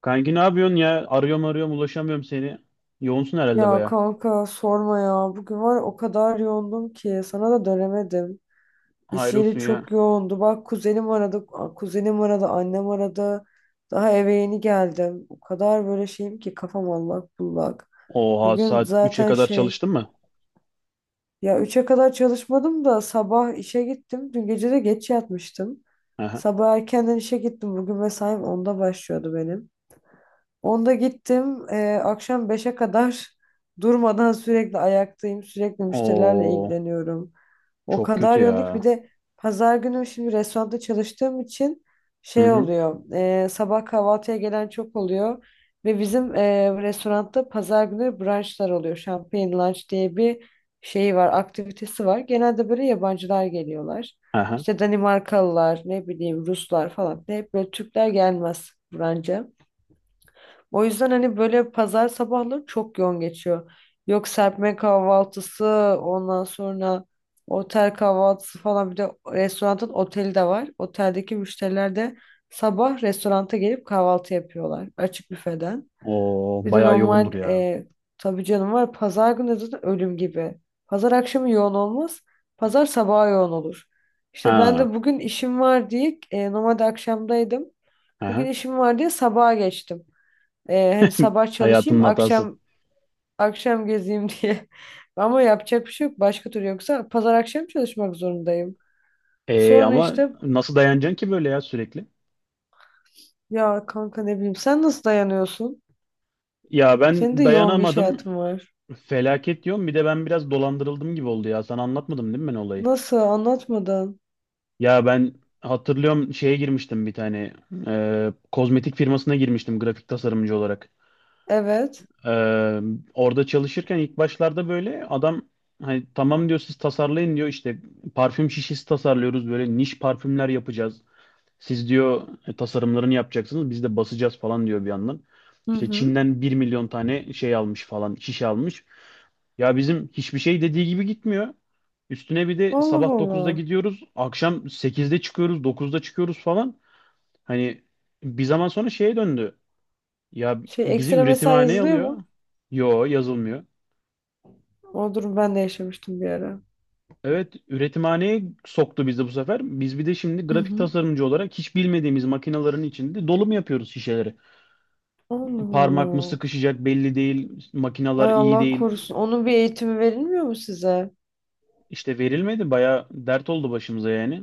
Kanki ne yapıyorsun ya? Arıyorum arıyorum ulaşamıyorum seni. Yoğunsun herhalde Ya baya. kanka sorma ya. Bugün var ya o kadar yoğundum ki sana da dönemedim. İş yeri Hayrolsun ya. çok yoğundu. Bak kuzenim aradı, kuzenim aradı, annem aradı. Daha eve yeni geldim. O kadar böyle şeyim ki kafam allak bullak. Oha Bugün saat 3'e zaten kadar şey çalıştın mı? ya üçe kadar çalışmadım da sabah işe gittim. Dün gece de geç yatmıştım. Aha. Sabah erkenden işe gittim. Bugün mesaim 10'da başlıyordu benim. 10'da gittim. Akşam 5'e kadar durmadan sürekli ayaktayım. Sürekli müşterilerle Oo ilgileniyorum. O çok kadar kötü yoğunluk ki bir ya. de pazar günü şimdi restoranda çalıştığım için Hı şey hı. oluyor. Sabah kahvaltıya gelen çok oluyor. Ve bizim restoranda pazar günü brunchlar oluyor. Champagne lunch diye bir şey var, aktivitesi var. Genelde böyle yabancılar geliyorlar. Aha. İşte Danimarkalılar, ne bileyim Ruslar falan. Hep böyle Türkler gelmez brunch'a. O yüzden hani böyle pazar sabahları çok yoğun geçiyor. Yok serpme kahvaltısı, ondan sonra otel kahvaltısı falan bir de restoranın oteli de var. Oteldeki müşteriler de sabah restoranta gelip kahvaltı yapıyorlar açık büfeden. Oo Bir de baya yoğundur normal ya. Tabii canım var pazar günü zaten ölüm gibi. Pazar akşamı yoğun olmaz, pazar sabahı yoğun olur. İşte ben Ha. de bugün işim var diye normalde akşamdaydım. Bugün Aha. işim var diye sabaha geçtim. Hani sabah Hayatın çalışayım, hatası. akşam akşam gezeyim diye. Ama yapacak bir şey yok. Başka türlü yoksa pazar akşam çalışmak zorundayım. Sonra Ama işte nasıl dayanacaksın ki böyle ya sürekli? ya kanka ne bileyim sen nasıl dayanıyorsun? Ya Senin de ben yoğun bir iş dayanamadım. hayatın var. Felaket diyorum. Bir de ben biraz dolandırıldım gibi oldu ya. Sana anlatmadım değil mi ben olayı? Nasıl anlatmadan? Ya ben hatırlıyorum, şeye girmiştim bir tane kozmetik firmasına girmiştim grafik tasarımcı olarak. Evet. E, orada çalışırken ilk başlarda böyle adam hani tamam diyor, siz tasarlayın diyor, işte parfüm şişesi tasarlıyoruz, böyle niş parfümler yapacağız. Siz diyor tasarımlarını yapacaksınız, biz de basacağız falan diyor bir yandan. Hı İşte hı. Çin'den 1 milyon tane şey almış falan, şişe almış. Ya bizim hiçbir şey dediği gibi gitmiyor. Üstüne bir de Allah sabah 9'da Allah. gidiyoruz, akşam 8'de çıkıyoruz, 9'da çıkıyoruz falan. Hani bir zaman sonra şeye döndü. Ya Şey bizi ekstra mesai üretimhaneye yazılıyor alıyor. mu? Yo, yazılmıyor. O durum ben de yaşamıştım bir ara. Evet, üretimhaneye soktu bizi bu sefer. Biz bir de şimdi Hı grafik hı. tasarımcı olarak hiç bilmediğimiz makinelerin içinde dolum yapıyoruz şişeleri. Allah Parmak mı Allah. sıkışacak belli değil. Makineler Ay iyi Allah değil. korusun. Onun bir eğitimi verilmiyor mu size? İşte verilmedi. Baya dert oldu başımıza yani.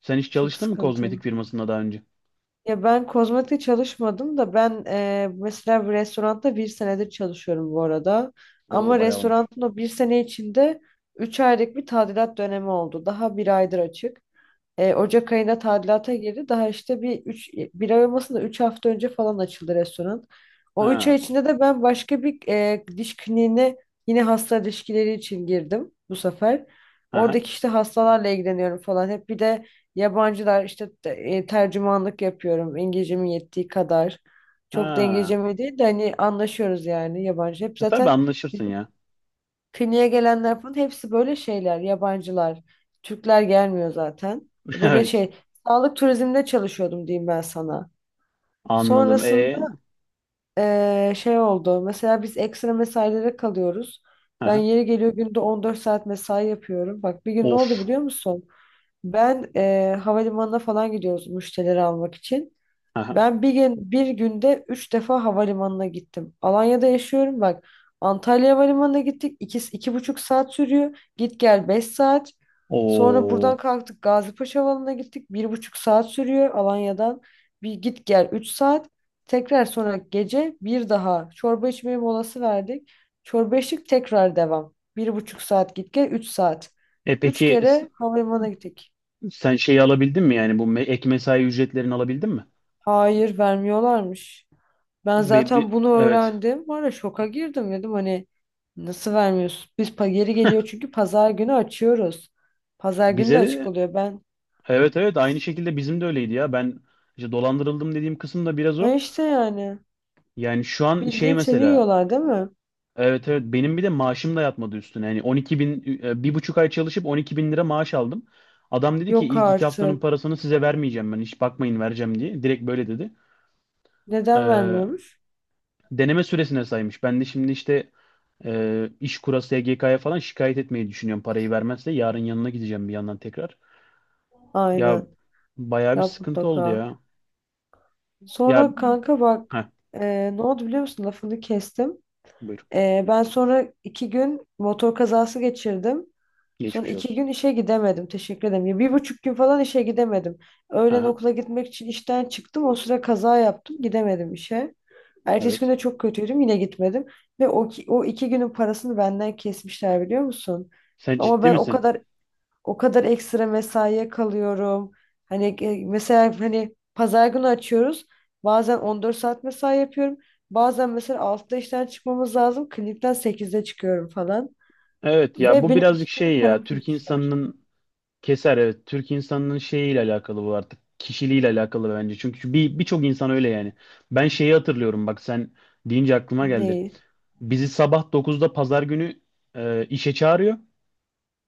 Sen hiç Çok çalıştın mı kozmetik sıkıntı. firmasında daha önce? Ya ben kozmetikte çalışmadım da ben mesela bir restoranda bir senedir çalışıyorum bu arada. Oo Ama bayağı olmuş. restoranın o bir sene içinde üç aylık bir tadilat dönemi oldu. Daha bir aydır açık. Ocak ayında tadilata girdi. Daha işte bir ay olmasın da 3 hafta önce falan açıldı restoran. O 3 ay Ha. içinde de ben başka bir diş kliniğine yine hasta ilişkileri için girdim bu sefer. Ha. Oradaki işte hastalarla ilgileniyorum falan. Hep bir de yabancılar işte tercümanlık yapıyorum. İngilizcemin yettiği kadar. Çok da Ha. İngilizcemi değil de hani anlaşıyoruz yani yabancı. Hep E tabii zaten anlaşırsın ya. kliniğe gelenler falan hepsi böyle şeyler, yabancılar. Türkler gelmiyor zaten. Böyle Evet. şey, sağlık turizminde çalışıyordum diyeyim ben sana. Anladım. Sonrasında E. Şey oldu. Mesela biz ekstra mesailere kalıyoruz. Ben Ha. yeri geliyor günde 14 saat mesai yapıyorum. Bak bir gün ne oldu Of. biliyor musun? Ben havalimanına falan gidiyoruz müşterileri almak için. Ha. Ben bir günde üç defa havalimanına gittim. Alanya'da yaşıyorum bak. Antalya Havalimanı'na gittik. İki, 2,5 saat sürüyor. Git gel beş saat. Sonra Oo. buradan kalktık Gazipaşa Havalimanı'na gittik. Bir buçuk saat sürüyor Alanya'dan. Bir git gel üç saat. Tekrar sonra gece bir daha çorba içmeye molası verdik. Çorba içtik tekrar devam. Bir buçuk saat git gel üç saat. E peki Üç kere havalimanına gittik. sen şeyi alabildin mi, yani bu ek mesai ücretlerini alabildin mi? Hayır vermiyorlarmış. Ben zaten bunu Evet. öğrendim. Var ya şoka girdim dedim hani nasıl vermiyorsun? Biz geri geliyor çünkü pazar günü açıyoruz. Pazar günü de Bize açık de oluyor ben. evet, evet aynı şekilde bizim de öyleydi ya. Ben işte dolandırıldım dediğim kısım da biraz Ha o. işte yani Yani şu an şey bildiğin seni mesela yiyorlar değil mi? evet, evet benim bir de maaşım da yatmadı üstüne. Yani 12 bin 1,5 ay çalışıp 12 bin lira maaş aldım. Adam dedi ki Yok ilk 2 haftanın artık. parasını size vermeyeceğim ben, hiç bakmayın vereceğim diye. Direkt böyle dedi. Neden Ee, vermiyormuş? deneme süresine saymış. Ben de şimdi işte İşkur'a, SGK'ya falan şikayet etmeyi düşünüyorum parayı vermezse. Yarın yanına gideceğim bir yandan tekrar. Ya Aynen. bayağı bir Yap sıkıntı oldu mutlaka. ya. Ya, Sonra kanka bak ha ne oldu biliyor musun? Lafını kestim. buyur. Ben sonra iki gün motor kazası geçirdim. Sonra Geçmiş iki olsun. gün işe gidemedim. Teşekkür ederim. Ya bir buçuk gün falan işe gidemedim. Öğlen Aha, okula gitmek için işten çıktım. O sıra kaza yaptım. Gidemedim işe. Ertesi gün evet. de çok kötüydüm. Yine gitmedim. Ve o iki günün parasını benden kesmişler biliyor musun? Sen Ama ciddi ben o misin? kadar o kadar ekstra mesaiye kalıyorum. Hani mesela hani pazar günü açıyoruz. Bazen 14 saat mesai yapıyorum. Bazen mesela 6'da işten çıkmamız lazım. Klinikten 8'de çıkıyorum falan. Evet ya Ve bu benim birazcık iki şey günlük ya, paramı Türk kesmişler. insanının... Keser, evet. Türk insanının şeyiyle alakalı bu artık. Kişiliğiyle alakalı bence. Çünkü birçok insan öyle yani. Ben şeyi hatırlıyorum, bak sen deyince aklıma geldi. Ne? Bizi sabah 9'da pazar günü işe çağırıyor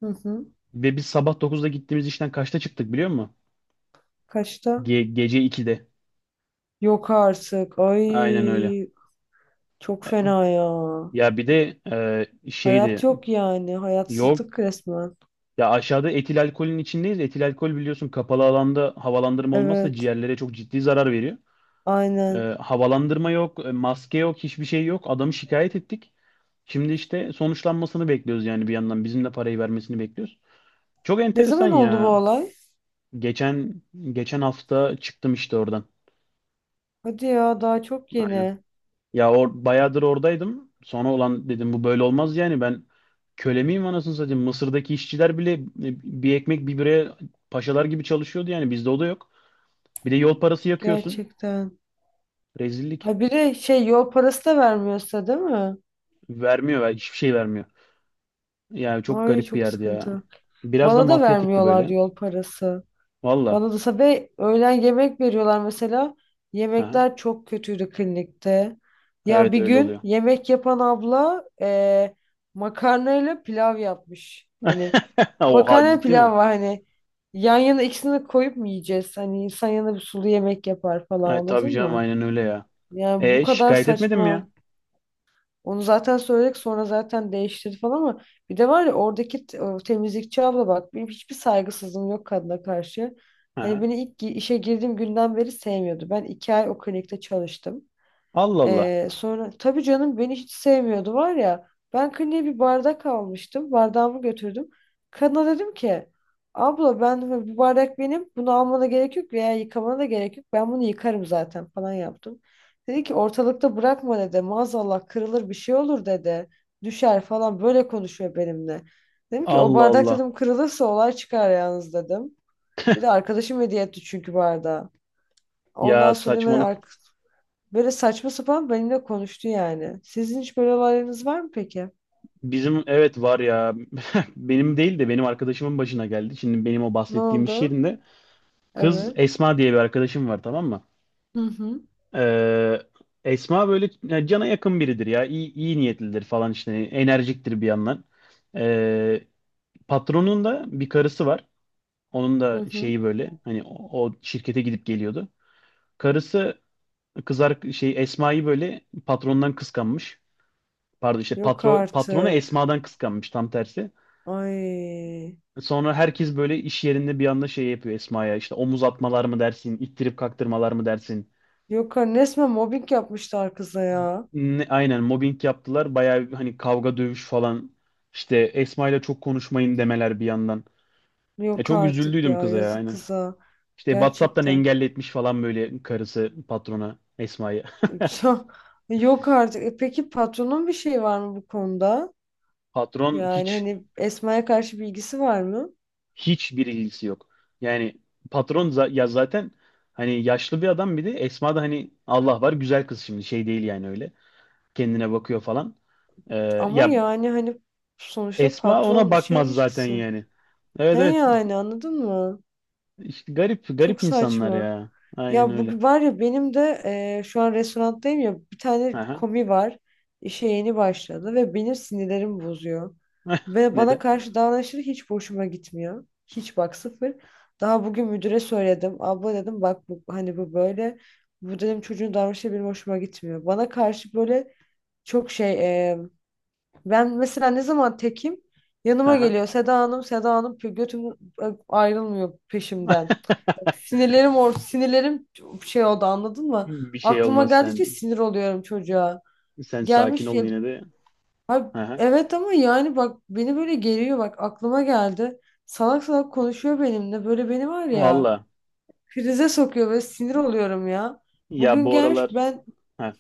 Hı hı. ve biz sabah 9'da gittiğimiz işten kaçta çıktık biliyor musun? Kaçta? Gece 2'de. Yok artık. Ay Aynen öyle. çok E, fena ya. Ya bir de Hayat şeydi, yok yani. yok Hayatsızlık resmen. ya, aşağıda etil alkolün içindeyiz. Etil alkol biliyorsun, kapalı alanda havalandırma olmazsa Evet. ciğerlere çok ciddi zarar veriyor. Aynen. Havalandırma yok, maske yok, hiçbir şey yok. Adamı şikayet ettik. Şimdi işte sonuçlanmasını bekliyoruz yani bir yandan. Bizim de parayı vermesini bekliyoruz. Çok Ne enteresan zaman oldu bu ya. olay? Geçen geçen hafta çıktım işte oradan. Hadi ya daha çok Aynen. yeni. Ya bayağıdır oradaydım. Sonra olan dedim bu böyle olmaz yani, ben köle miyim anasını satayım. Mısır'daki işçiler bile bir ekmek bir bire paşalar gibi çalışıyordu, yani bizde o da yok. Bir de yol parası yakıyorsun. Gerçekten. Rezillik. Ha bir de şey yol parası da vermiyorsa değil mi? Vermiyor, hiçbir şey vermiyor. Yani çok Ay garip bir çok yerdi ya. sıkıntı. Biraz da Bana da mafyatikti böyle. vermiyorlardı yol parası. Valla. Bana da sabah öğlen yemek veriyorlar mesela. Aha. Yemekler çok kötüydü klinikte. Ya Evet bir öyle gün oluyor. yemek yapan abla makarnayla pilav yapmış. Hani Oha, makarna ciddi mi? pilav var hani yan yana ikisini koyup mu yiyeceğiz? Hani insan yanında bir sulu yemek yapar falan Ay, tabii anladın canım, mı? aynen öyle ya. Yani bu E kadar şikayet etmedin mi ya? saçma. Onu zaten söyledik sonra zaten değiştirdi falan ama bir de var ya oradaki o temizlikçi abla bak benim hiçbir saygısızlığım yok kadına karşı. Hani Aha. beni ilk işe girdiğim günden beri sevmiyordu. Ben iki ay o klinikte çalıştım. Allah Allah. Sonra tabii canım beni hiç sevmiyordu var ya. Ben kliniğe bir bardak almıştım. Bardağımı götürdüm. Kadına dedim ki abla ben hani, bu bardak benim. Bunu almana gerek yok veya yıkamana da gerek yok. Ben bunu yıkarım zaten falan yaptım. Dedi ki ortalıkta bırakma dedi. Maazallah kırılır bir şey olur dedi. Düşer falan böyle konuşuyor benimle. Dedim ki o Allah bardak Allah. dedim kırılırsa olay çıkar yalnız dedim. Bir de arkadaşım hediye etti çünkü bardağı. Ondan Ya sonra saçmalık. hemen böyle saçma sapan benimle konuştu yani. Sizin hiç böyle olaylarınız var mı peki? Bizim evet var ya. Benim değil de benim arkadaşımın başına geldi. Şimdi benim o Ne bahsettiğim iş oldu? yerinde kız Evet. Esma diye bir arkadaşım var, tamam mı? Hı hı. Ee, Esma böyle ya, cana yakın biridir ya. İyi, iyi niyetlidir falan işte. Enerjiktir bir yandan. Ee, patronun da bir karısı var. Onun Hı da hı. şeyi böyle, hani o, o şirkete gidip geliyordu. Karısı kızar şey Esma'yı böyle patrondan kıskanmış. Pardon, işte Yok patronu artık. Esma'dan kıskanmış tam tersi. Ay. Sonra herkes böyle iş yerinde bir anda şey yapıyor Esma'ya, işte omuz atmalar mı dersin, ittirip kaktırmalar mı dersin, Yok artık. Resmen mobbing yapmışlar kıza ya. Aynen mobbing yaptılar. Bayağı hani kavga dövüş falan. İşte Esma ile çok konuşmayın demeler bir yandan. Ya Yok çok artık üzüldüydüm ya. kıza ya, Yazık aynen. kıza. İşte WhatsApp'tan Gerçekten. engelletmiş falan böyle karısı patrona Esma'yı. Ya, yok artık. E peki patronun bir şeyi var mı bu konuda? Patron Yani hiç, hani Esma'ya karşı bilgisi var mı? Bir ilgisi yok. Yani patron ya zaten hani yaşlı bir adam, bir de Esma da hani Allah var güzel kız, şimdi şey değil yani öyle. Kendine bakıyor falan. Ee, Ama ya yani hani sonuçta Esma ona patron şey bakmaz zaten ilişkisi. yani. Evet, He evet, yani anladın mı? İşte garip Çok garip insanlar saçma. ya. Aynen Ya öyle. bu var ya benim de şu an restoranttayım ya bir tane Aha. komi var. İşe yeni başladı ve benim sinirlerim bozuyor. Ve bana Neden? karşı davranışları hiç hoşuma gitmiyor. Hiç bak sıfır. Daha bugün müdüre söyledim. Abla dedim bak bu, hani bu böyle. Bu dedim çocuğun davranışı benim hoşuma gitmiyor. Bana karşı böyle çok şey e, ben mesela ne zaman tekim yanıma Aha. geliyor Seda Hanım Seda Hanım götüm ayrılmıyor peşimden. Sinirlerim şey oldu anladın mı? Bir şey Aklıma olmaz sen. geldikçe sinir oluyorum çocuğa. Sen sakin Gelmiş ol ya. yine de. Ay, Aha. evet ama yani bak beni böyle geriyor bak aklıma geldi. Salak salak konuşuyor benimle böyle beni var ya Valla. krize sokuyor ve sinir oluyorum ya. Ya Bugün bu gelmiş aralar, ben. ha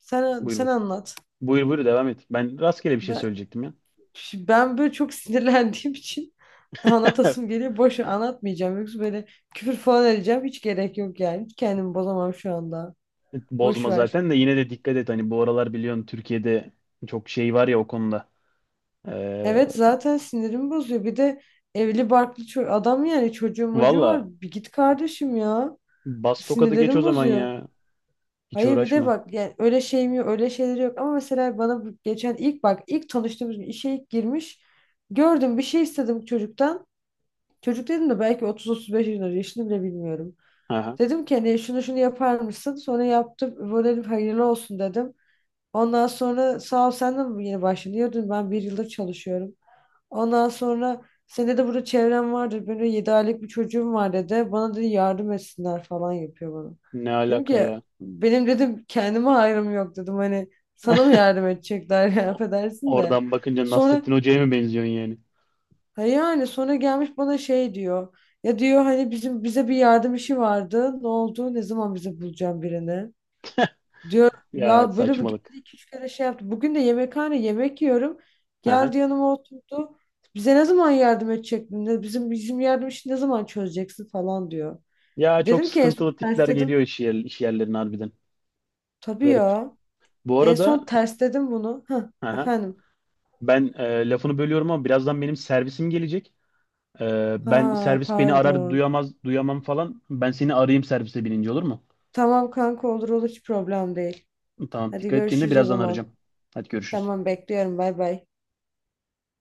sen buyur sen buyur. anlat. Buyur buyur, devam et. Ben rastgele bir şey Ben söyleyecektim ya. ben böyle çok sinirlendiğim için anlatasım geliyor. Boşa anlatmayacağım. Yoksa böyle küfür falan edeceğim. Hiç gerek yok yani. Hiç kendimi bozamam şu anda. Boş Bozma ver. zaten de yine de dikkat et. Hani bu aralar biliyorsun Türkiye'de çok şey var ya o konuda. Ee, Evet zaten sinirimi bozuyor. Bir de evli barklı adam yani çocuğu mocuğu valla var. Bir git kardeşim ya. bas tokadı geç o Sinirlerim zaman bozuyor. ya. Hiç Hayır bir de uğraşma. bak yani öyle şey mi öyle şeyleri yok ama mesela bana bu geçen ilk bak ilk tanıştığımız gün işe ilk girmiş gördüm bir şey istedim çocuktan. Çocuk dedim de belki 30-35 yaşında yaşını bile bilmiyorum. Aha. Dedim ki hani şunu şunu yapar mısın? Sonra yaptım böyle dedim, hayırlı olsun dedim. Ondan sonra sağ ol sen de mi yeni başladın? Diyordun ben bir yıldır çalışıyorum. Ondan sonra senin de burada çevren vardır. Böyle 7 aylık bir çocuğum var dedi. Bana dedi yardım etsinler falan yapıyor bana. Ne Dedim alaka ki ya? benim dedim kendime hayrım yok dedim. Hani sana mı yardım edecekler ya O- affedersin de. Oradan bakınca Sonra Nasrettin Hoca'ya mı benziyorsun yani? ha yani sonra gelmiş bana şey diyor. Ya diyor hani bize bir yardım işi vardı. Ne oldu? Ne zaman bize bulacağım birini? Diyor Ya ya böyle bir saçmalık. geldi iki üç kere şey yaptı. Bugün de yemekhane yemek yiyorum. Aha. Geldi yanıma oturdu. Bize ne zaman yardım edecek? Bizim yardım işini ne zaman çözeceksin falan diyor. Ya çok Dedim ki en son sıkıntılı tipler tersledim. geliyor iş yerlerine harbiden. Tabii Garip. ya. Bu En arada son tersledim bunu. Hah, aha, efendim. ben lafını bölüyorum ama birazdan benim servisim gelecek. Ben Ha servis beni arar pardon. Duyamam falan. Ben seni arayayım servise binince, olur mu? Tamam kanka olur olur hiç problem değil. Tamam, Hadi dikkat et kendine, görüşürüz o birazdan zaman. arayacağım. Hadi görüşürüz. Tamam bekliyorum bay bay.